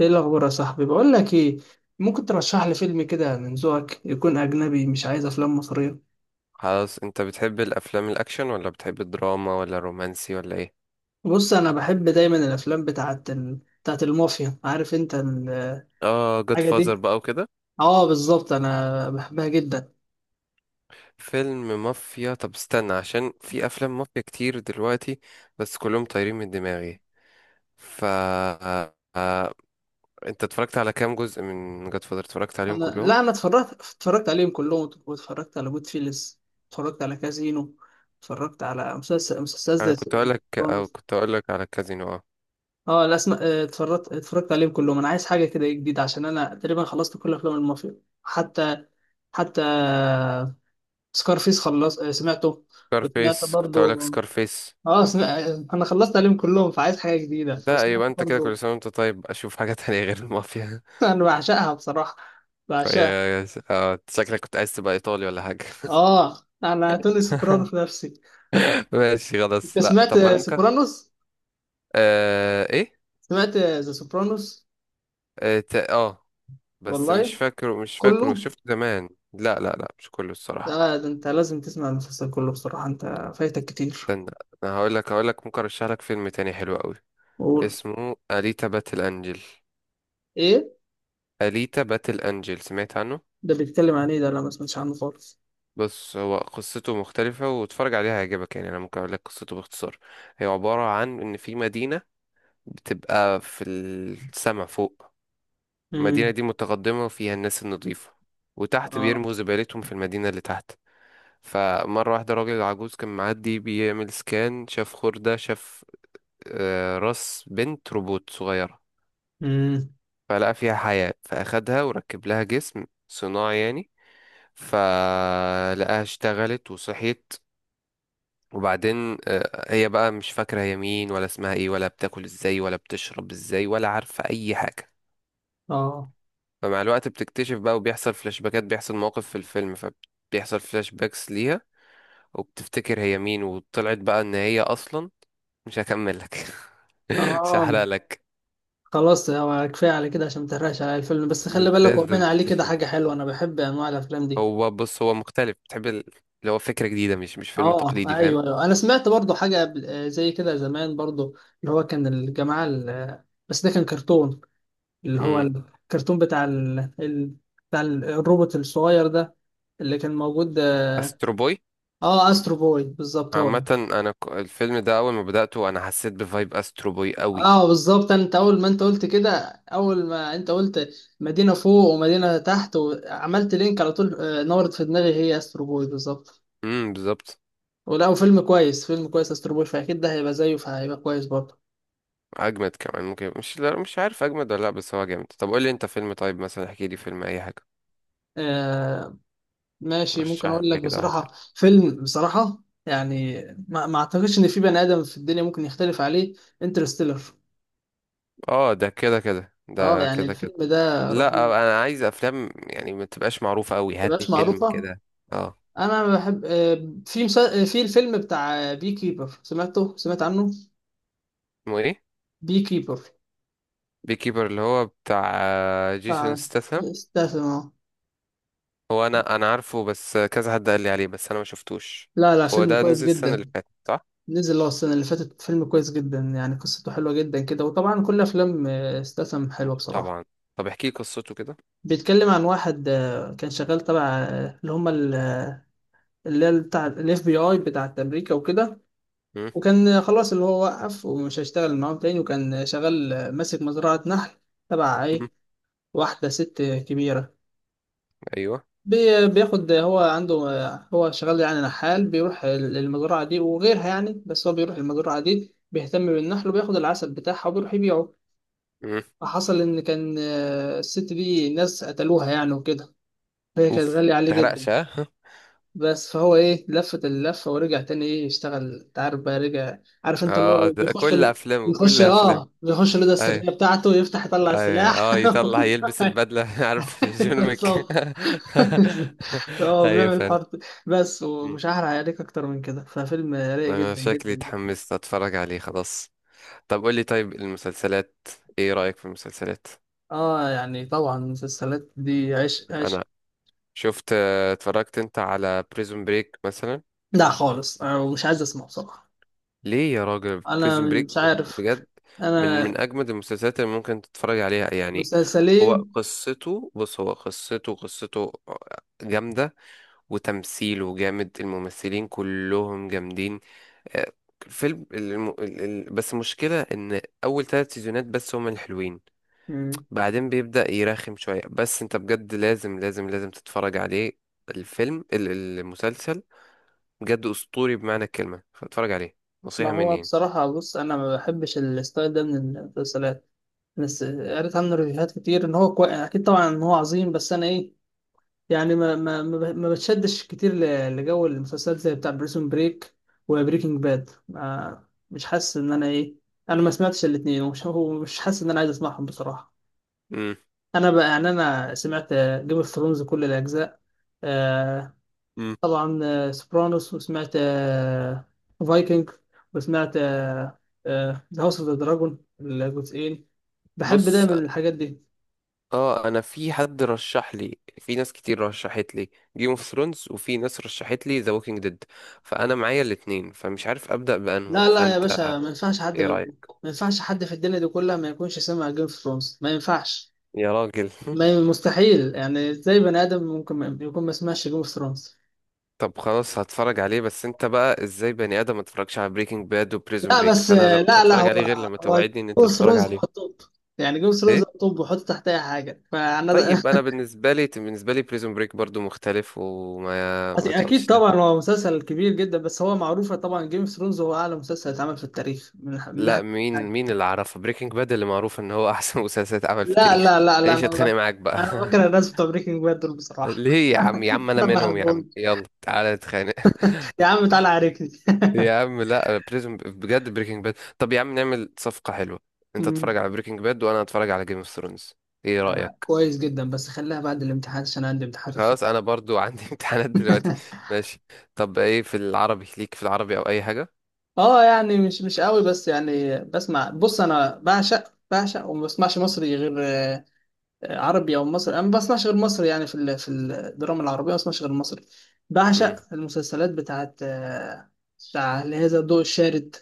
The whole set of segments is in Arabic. ايه الاخبار يا صاحبي؟ بقول لك ايه، ممكن ترشح لي فيلم كده من ذوقك، يكون اجنبي، مش عايز افلام مصريه. خلاص، انت بتحب الافلام الاكشن ولا بتحب الدراما ولا الرومانسي ولا ايه؟ بص، انا بحب دايما الافلام بتاعت المافيا، عارف انت؟ اه، جود الحاجه فازر دي. بقى وكده. اه بالظبط، انا بحبها جدا. فيلم مافيا. طب استنى عشان في افلام مافيا كتير دلوقتي، بس كلهم طايرين من دماغي. ف آه، انت اتفرجت على كام جزء من جود فازر؟ اتفرجت عليهم انا كلهم؟ لا انا اتفرجت اتفرجت عليهم كلهم، واتفرجت على جود فيلز، اتفرجت على كازينو، اتفرجت على مسلسل انا زي كنت اقول لك، او سوبرانوس. كنت اقول لك على كازينو. اه، اه لا اسمع، اتفرجت عليهم كلهم. انا عايز حاجه كده جديده، عشان انا تقريبا خلصت كل افلام المافيا. حتى حتى سكارفيس خلص، سمعته، وسمعت سكارفيس، كنت اقول لك برضو. سكارفيس. اه سمع... انا خلصت عليهم كلهم، فعايز حاجه جديده، ده وسمعت يبقى انت كده كل برضو. سنه وانت طيب، اشوف حاجه تانية غير المافيا. انا بعشقها بصراحه، بعشقها. شكلك كنت عايز تبقى ايطالي ولا حاجه. اه، انا توني سوبرانو في نفسي. ماشي انت خلاص، لا سمعت طب انا ممكن. سوبرانوس؟ آه، ايه؟ سمعت ذا سوبرانوس؟ اه, تا- آه. بس والله مش فاكره كله، شفت زمان، لا لا لا، مش كله الصراحة. ده انت لازم تسمع المسلسل كله بصراحه، انت فايتك كتير. استنى، انا هقول لك ممكن ارشح لك فيلم تاني حلو قوي. قول، اسمه أليتا باتل انجل. ايه أليتا باتل انجل، سمعت عنه؟ ده؟ بيتكلم عن ايه ده؟ لا، ما سمعتش عنه خالص. بص، هو قصته مختلفة، واتفرج عليها هيعجبك يعني. انا ممكن اقول لك قصته باختصار. هي عبارة عن ان في مدينة بتبقى في السما فوق. المدينة امم. دي متقدمة وفيها الناس النظيفة، وتحت اه. بيرموا زبالتهم في المدينة اللي تحت. فمرة واحدة راجل عجوز كان معدي بيعمل سكان، شاف خردة، شاف راس بنت روبوت صغيرة. امم. فلقى فيها حياة، فأخدها وركب لها جسم صناعي يعني. فلقاها اشتغلت وصحيت. وبعدين هي بقى مش فاكرة هي مين ولا اسمها ايه ولا بتاكل ازاي ولا بتشرب ازاي ولا عارفة أي حاجة. اه. فمع الوقت بتكتشف بقى، وبيحصل فلاش باكات، بيحصل مواقف في الفيلم فبيحصل فلاش باكس ليها، وبتفتكر هي مين. وطلعت بقى ان هي اصلا، مش هكمل لك. مش اه هحرق لك. خلاص، هو كفايه على كده، عشان ما تحرقش على الفيلم، بس خلي بالك، وبين لازم عليه كده تشوف. حاجه حلوه، انا بحب انواع الافلام دي. هو بص، هو مختلف. اللي هو فكرة جديدة، مش فيلم اه تقليدي، ايوه فاهم؟ ايوه، انا سمعت برضو حاجه زي كده زمان برضو، اللي هو كان الجماعه ال- آه، بس ده كان كرتون، اللي هو امم. الكرتون بتاع الروبوت الصغير ده اللي كان موجود. استرو بوي. اه استرو بوي بالظبط، هو ده. عامة الفيلم ده اول ما بدأته انا حسيت بفايب استرو بوي قوي. اه بالظبط، انت اول ما انت قلت كده، اول ما انت قلت مدينه فوق ومدينه تحت، وعملت لينك على طول، نورت في دماغي، هي استرو بوي بالظبط. امم، بالظبط. ولا، وفيلم كويس، فيلم كويس، استر بوي، فاكيد ده هيبقى زيه، فهيبقى كويس برضه. اجمد كمان ممكن، مش لا مش عارف اجمد ولا لا، بس هو جامد. طب قول لي انت فيلم طيب مثلا، احكي لي فيلم اي حاجة. آه ماشي، ممكن رشح اقول لك لي كده واحد حلو. بصراحة فيلم، بصراحة يعني ما اعتقدش ان في بني ادم في الدنيا ممكن يختلف عليه: انترستيلر. اه، ده كده كده، اه ده يعني كده كده. الفيلم ده لا، رهيب. انا عايز افلام يعني ما تبقاش معروفه قوي. ما هات لي تبقاش فيلم معروفة؟ كده. اه. انا بحب، في مسا... آه، في الفيلم بتاع بي كيبر، سمعته؟ سمعت عنه؟ اسمه ايه؟ بي كيبر، بي كيبر، اللي هو بتاع جيسون بتاع ستاثام. استاذ. هو انا عارفه، بس كذا حد قال لي عليه بس انا ما شفتوش. لا لا، هو فيلم ده كويس نزل السنه جدا. اللي فاتت صح؟ نزل اه السنة اللي فاتت، فيلم كويس جدا يعني، قصته حلوة جدا كده، وطبعا كل أفلام استسم حلوة بصراحة. طبعا. طب احكي لي قصته كده. بيتكلم عن واحد كان شغال تبع، اللي هي بتاع الاف بي اي بتاعت امريكا وكده، مم، وكان خلاص اللي هو وقف ومش هيشتغل معاهم تاني، وكان شغال، ماسك مزرعة نحل تبع مم، ايه، واحدة ست كبيرة. ايوه، بياخد، هو عنده، هو شغال يعني نحال، بيروح المزرعة دي وغيرها يعني، بس هو بيروح المزرعة دي بيهتم بالنحل وبياخد العسل بتاعها، وبيروح يبيعه. مم، فحصل إن كان الست دي ناس قتلوها يعني وكده، فهي كانت اوف غالية عليه متحرقش جدا. ها. بس فهو إيه، لفت اللفة ورجع تاني إيه يشتغل، أنت عارف بقى، رجع. عارف أنت، اللي اه، هو ده بيخش، كل افلامه بيخش كل افلامه. آه بيخش الأوضة السرية ايوه. بتاعته، يفتح يطلع أي- سلاح. اه يطلع يلبس البدلة، عارف جون ويك؟ بالظبط، اه ايوه بيعمل فعلا. الحوار ده. بس، مم. ومش هحرق عليك اكتر من كده، ففيلم رايق انا جدا شكلي جدا جدا. اتحمست اتفرج عليه خلاص. طب قول لي، طيب المسلسلات، ايه رأيك في المسلسلات؟ اه يعني طبعا المسلسلات دي عشق عشق. انا شفت اتفرجت انت على بريزون بريك مثلا؟ لا خالص، انا مش عايز اسمع بصراحة. ليه يا راجل؟ انا بريزون بريك مش من عارف. بجد من انا من اجمد المسلسلات اللي ممكن تتفرج عليها يعني. هو مسلسلين. قصته، بص هو قصته جامدة وتمثيله جامد، الممثلين كلهم جامدين. آه، الفيلم بس المشكلة إن أول ثلاث سيزونات بس هم الحلوين. مم. بعدين بيبدأ يرخم شوية، بس أنت بجد لازم لازم لازم تتفرج عليه. الفيلم ال- المسلسل بجد أسطوري بمعنى الكلمة، فاتفرج عليه. ما نصيحة هو مني يعني. بصراحة بص، أنا ما بحبش الستايل ده من المسلسلات. بس قريت عنه ريفيوهات كتير، إن هو أكيد طبعا إن هو عظيم، بس أنا إيه، يعني ما بتشدش كتير لجو المسلسلات زي بتاع بريسون بريك وبريكنج باد، ما... مش حاسس إن أنا إيه. أنا ما سمعتش الاتنين، ومش هو مش حاسس إن أنا عايز أسمعهم بصراحة. مم. أنا بقى يعني أنا سمعت جيم اوف ثرونز كل الأجزاء، آه، مم. طبعا سوبرانوس، وسمعت فايكنج، وسمعت ذا هاوس اوف ذا دراجون الجزئين. بحب بص، دايما الحاجات دي. اه انا في حد رشح لي، في ناس كتير رشحت لي جيم اوف ثرونز، وفي ناس رشحت لي ذا ووكينج ديد، فانا معايا الاتنين فمش عارف ابدا بانه لا لا يا فانت باشا، ما ينفعش حد ايه ما، رايك؟ ما ينفعش حد في الدنيا دي كلها ما يكونش سمع جيم اوف ثرونز، ما ينفعش. يا راجل. ما مستحيل يعني، ازاي بني ادم ممكن يكون ما سمعش جيم اوف ثرونز. طب خلاص هتفرج عليه، بس انت بقى ازاي بني ادم ما اتفرجش على بريكنج باد وبريزون لا بريك؟ بس، فانا لا آه، مش لا لا هتفرج هو عليه غير لما هو جيم توعدني ان انت اوف تتفرج ثرونز هو عليه. الطب، يعني جيم اوف ثرونز ايه؟ هو الطب، وحط تحت اي حاجه، فانا طيب انا بالنسبه لي، بالنسبه لي بريزون بريك برضو مختلف، وما بس ما اكيد تحطش. طبعا هو مسلسل كبير جدا، بس هو معروفه طبعا، جيم اوف ثرونز هو اعلى مسلسل اتعمل في التاريخ، من لا، ناحيه. مين اللي عرفه بريكنج باد اللي معروف ان هو احسن مسلسل اتعمل في لا التاريخ؟ لا لا لا ايش انا اتخانق ب- معاك بقى. انا بكره الناس بتوع بريكنج باد دول بصراحه. ليه يا عم يا انا عم؟ انا ما منهم يا عم، بحبهم، يلا تعالى نتخانق. يا عم تعالى عاركني. يا عم لا، بريزون بجد، بريكنج باد. طب يا عم نعمل صفقة حلوة، انت اتفرج أمم. على بريكنج باد وانا اتفرج على جيم اوف ثرونز. ايه رأيك؟ كويس جدا، بس خليها بعد الامتحان، عشان عندي امتحان في الفضل. خلاص، انا برضو عندي امتحانات دلوقتي. ماشي. طب ايه في العربي ليك، في العربي او اي حاجة؟ اه يعني مش مش قوي، بس يعني بسمع، بص انا بعشق بعشق، وما بسمعش مصري غير، عربي او مصري، انا ما بسمعش غير مصري، يعني في الدراما العربيه ما بسمعش غير مصري. بعشق امم. المسلسلات بتاعت بتاع، اللي هي زي الضوء الشارد،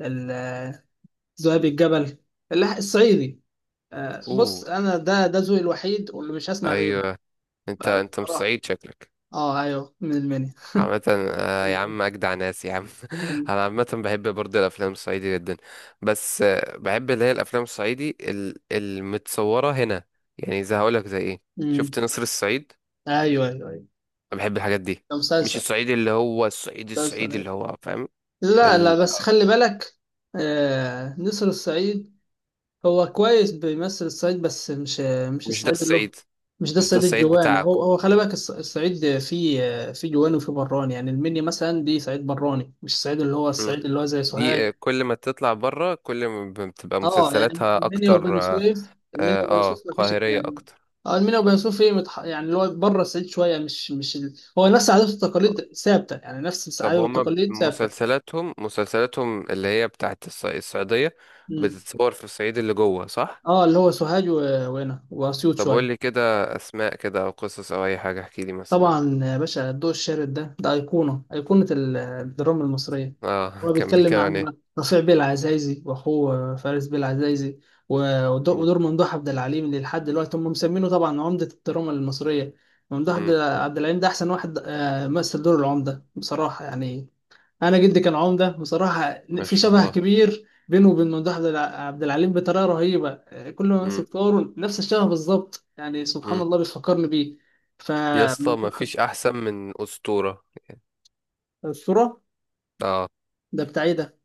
ال- آه، ذئاب الجبل، الصعيدي، بص اوه. انا ده ده ذوقي الوحيد، واللي مش هسمع غيره. ايوه. انت انت مش بصراحه سعيد شكلك. اه ايوه، من المنيا. عامة يا عم أجدع ناس يا عم، أنا عامة بحب برضه الأفلام الصعيدي جدا. بس بحب اللي هي الأفلام الصعيدي المتصورة هنا يعني. زي هقولك زي إيه؟ شفت امم. نصر الصعيد؟ ايوه ايوه ايوه، أنا بحب الحاجات دي. ده مش مسلسل، الصعيدي اللي هو الصعيدي مسلسل الصعيدي أيوة. اللي هو، فاهم؟ لا لا، ال... بس خلي بالك، نسر الصعيد هو كويس بيمثل الصعيد، بس مش مش مش ده الصعيد اللي هو. الصعيد، مش ده مش ده الصعيد الصعيد الجواني، بتاعكم. هو هو خلي بالك، الصعيد فيه فيه جواني وفيه براني، يعني المنيا مثلا دي صعيد براني، مش الصعيد اللي هو، مم. الصعيد اللي هو زي دي سوهاج. كل ما تطلع بره كل ما بتبقى اه يعني مسلسلاتها المنيا أكتر. وبني آه، سويف، المنيا وبني سويف ما فيش قاهرية الكلام. أكتر. اه المنيا وبني سويف ايه، يعني اللي هو بره الصعيد شويه، مش مش ال... هو نفس العادات والتقاليد ثابته، يعني نفس طب العادات هما والتقاليد ثابته. مسلسلاتهم اللي هي بتاعت الصعيدية مم. بتتصور في الصعيد اللي جوه صح؟ اه اللي هو سوهاج وهنا واسيوط طب قول شويه. لي كده، أسماء كده أو قصص أو أي حاجة، احكي لي مثلا. طبعا يا باشا، الضوء الشارد ده ده أيقونة، أيقونة الدراما المصرية. اه. هو كان بيتكلم بيتكلم عن عن ايه؟ رفيع بيه العزايزي، وأخوه فارس بيه العزايزي، مم. ودور ممدوح عبد العليم، اللي لحد دلوقتي هم مسمينه طبعا عمدة الدراما المصرية. ممدوح عبد مم. عبد العليم ده أحسن واحد، مثل دور العمدة بصراحة يعني. أنا جدي كان عمدة بصراحة، ما في شاء شبه الله. كبير بينه وبين عبد العليم بطريقة رهيبة، كل ما مم. أمسك دوره نفس الشبه بالظبط، يعني سبحان مم. الله بيفكرني بيه. ف يا اسطى ما فيش أحسن من أسطورة. الصورة، اه، ده بتاع ايه ده؟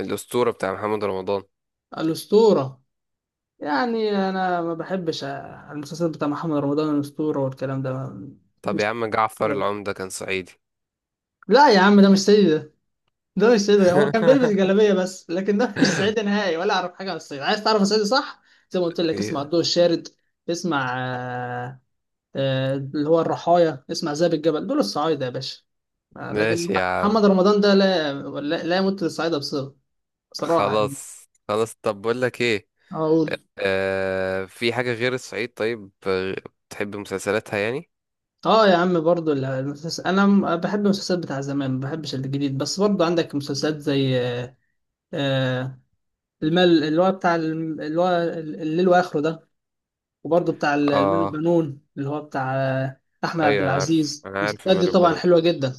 الأسطورة بتاع محمد رمضان. الأسطورة، يعني أنا ما بحبش، المسلسل بتاع محمد رمضان الأسطورة والكلام ده، طب يا مش عم، جعفر العمدة كان صعيدي؟ لا يا عم، ده مش سيد ده، ده مش سيد ده، هو كان بيلبس جلابية بس، لكن ده مش صعيدي نهائي، ولا أعرف حاجة عن الصعيد. عايز تعرف الصعيدي صح؟ زي ما قلت لك، اسمع الضوء الشارد، اسمع اللي هو الرحايا، اسمع ذئب الجبل، دول الصعايدة يا باشا. لكن ماشي يا عم. محمد رمضان ده لا، لا يمت للصعايدة بصلة، بصراحة يعني. خلاص خلاص. طب بقول لك ايه، أقول آه في حاجة غير الصعيد طيب، بتحب مسلسلاتها يعني؟ اه يا عم، برضو المسلسل، انا بحب المسلسلات بتاع زمان، ما بحبش الجديد، بس برضو عندك مسلسلات زي، آه، المال، اللي هو بتاع اللي هو الليل واخره ده، وبرضو بتاع المال اه. والبنون، اللي هو بتاع احمد عبد ايوه، انا عارف العزيز، انا عارف المسلسلات دي مال طبعا البنون. حلوة جدا.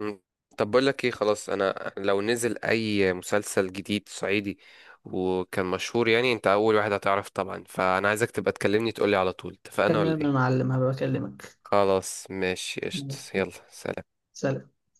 مم. طب بقول لك ايه خلاص، انا لو نزل اي مسلسل جديد صعيدي وكان مشهور يعني انت اول واحد هتعرف طبعا، فانا عايزك تبقى تكلمني تقولي على طول. اتفقنا ولا تمام يا ايه؟ معلم، هبقى بكلمك. خلاص ماشي، قشطة يلا سلام. سلام.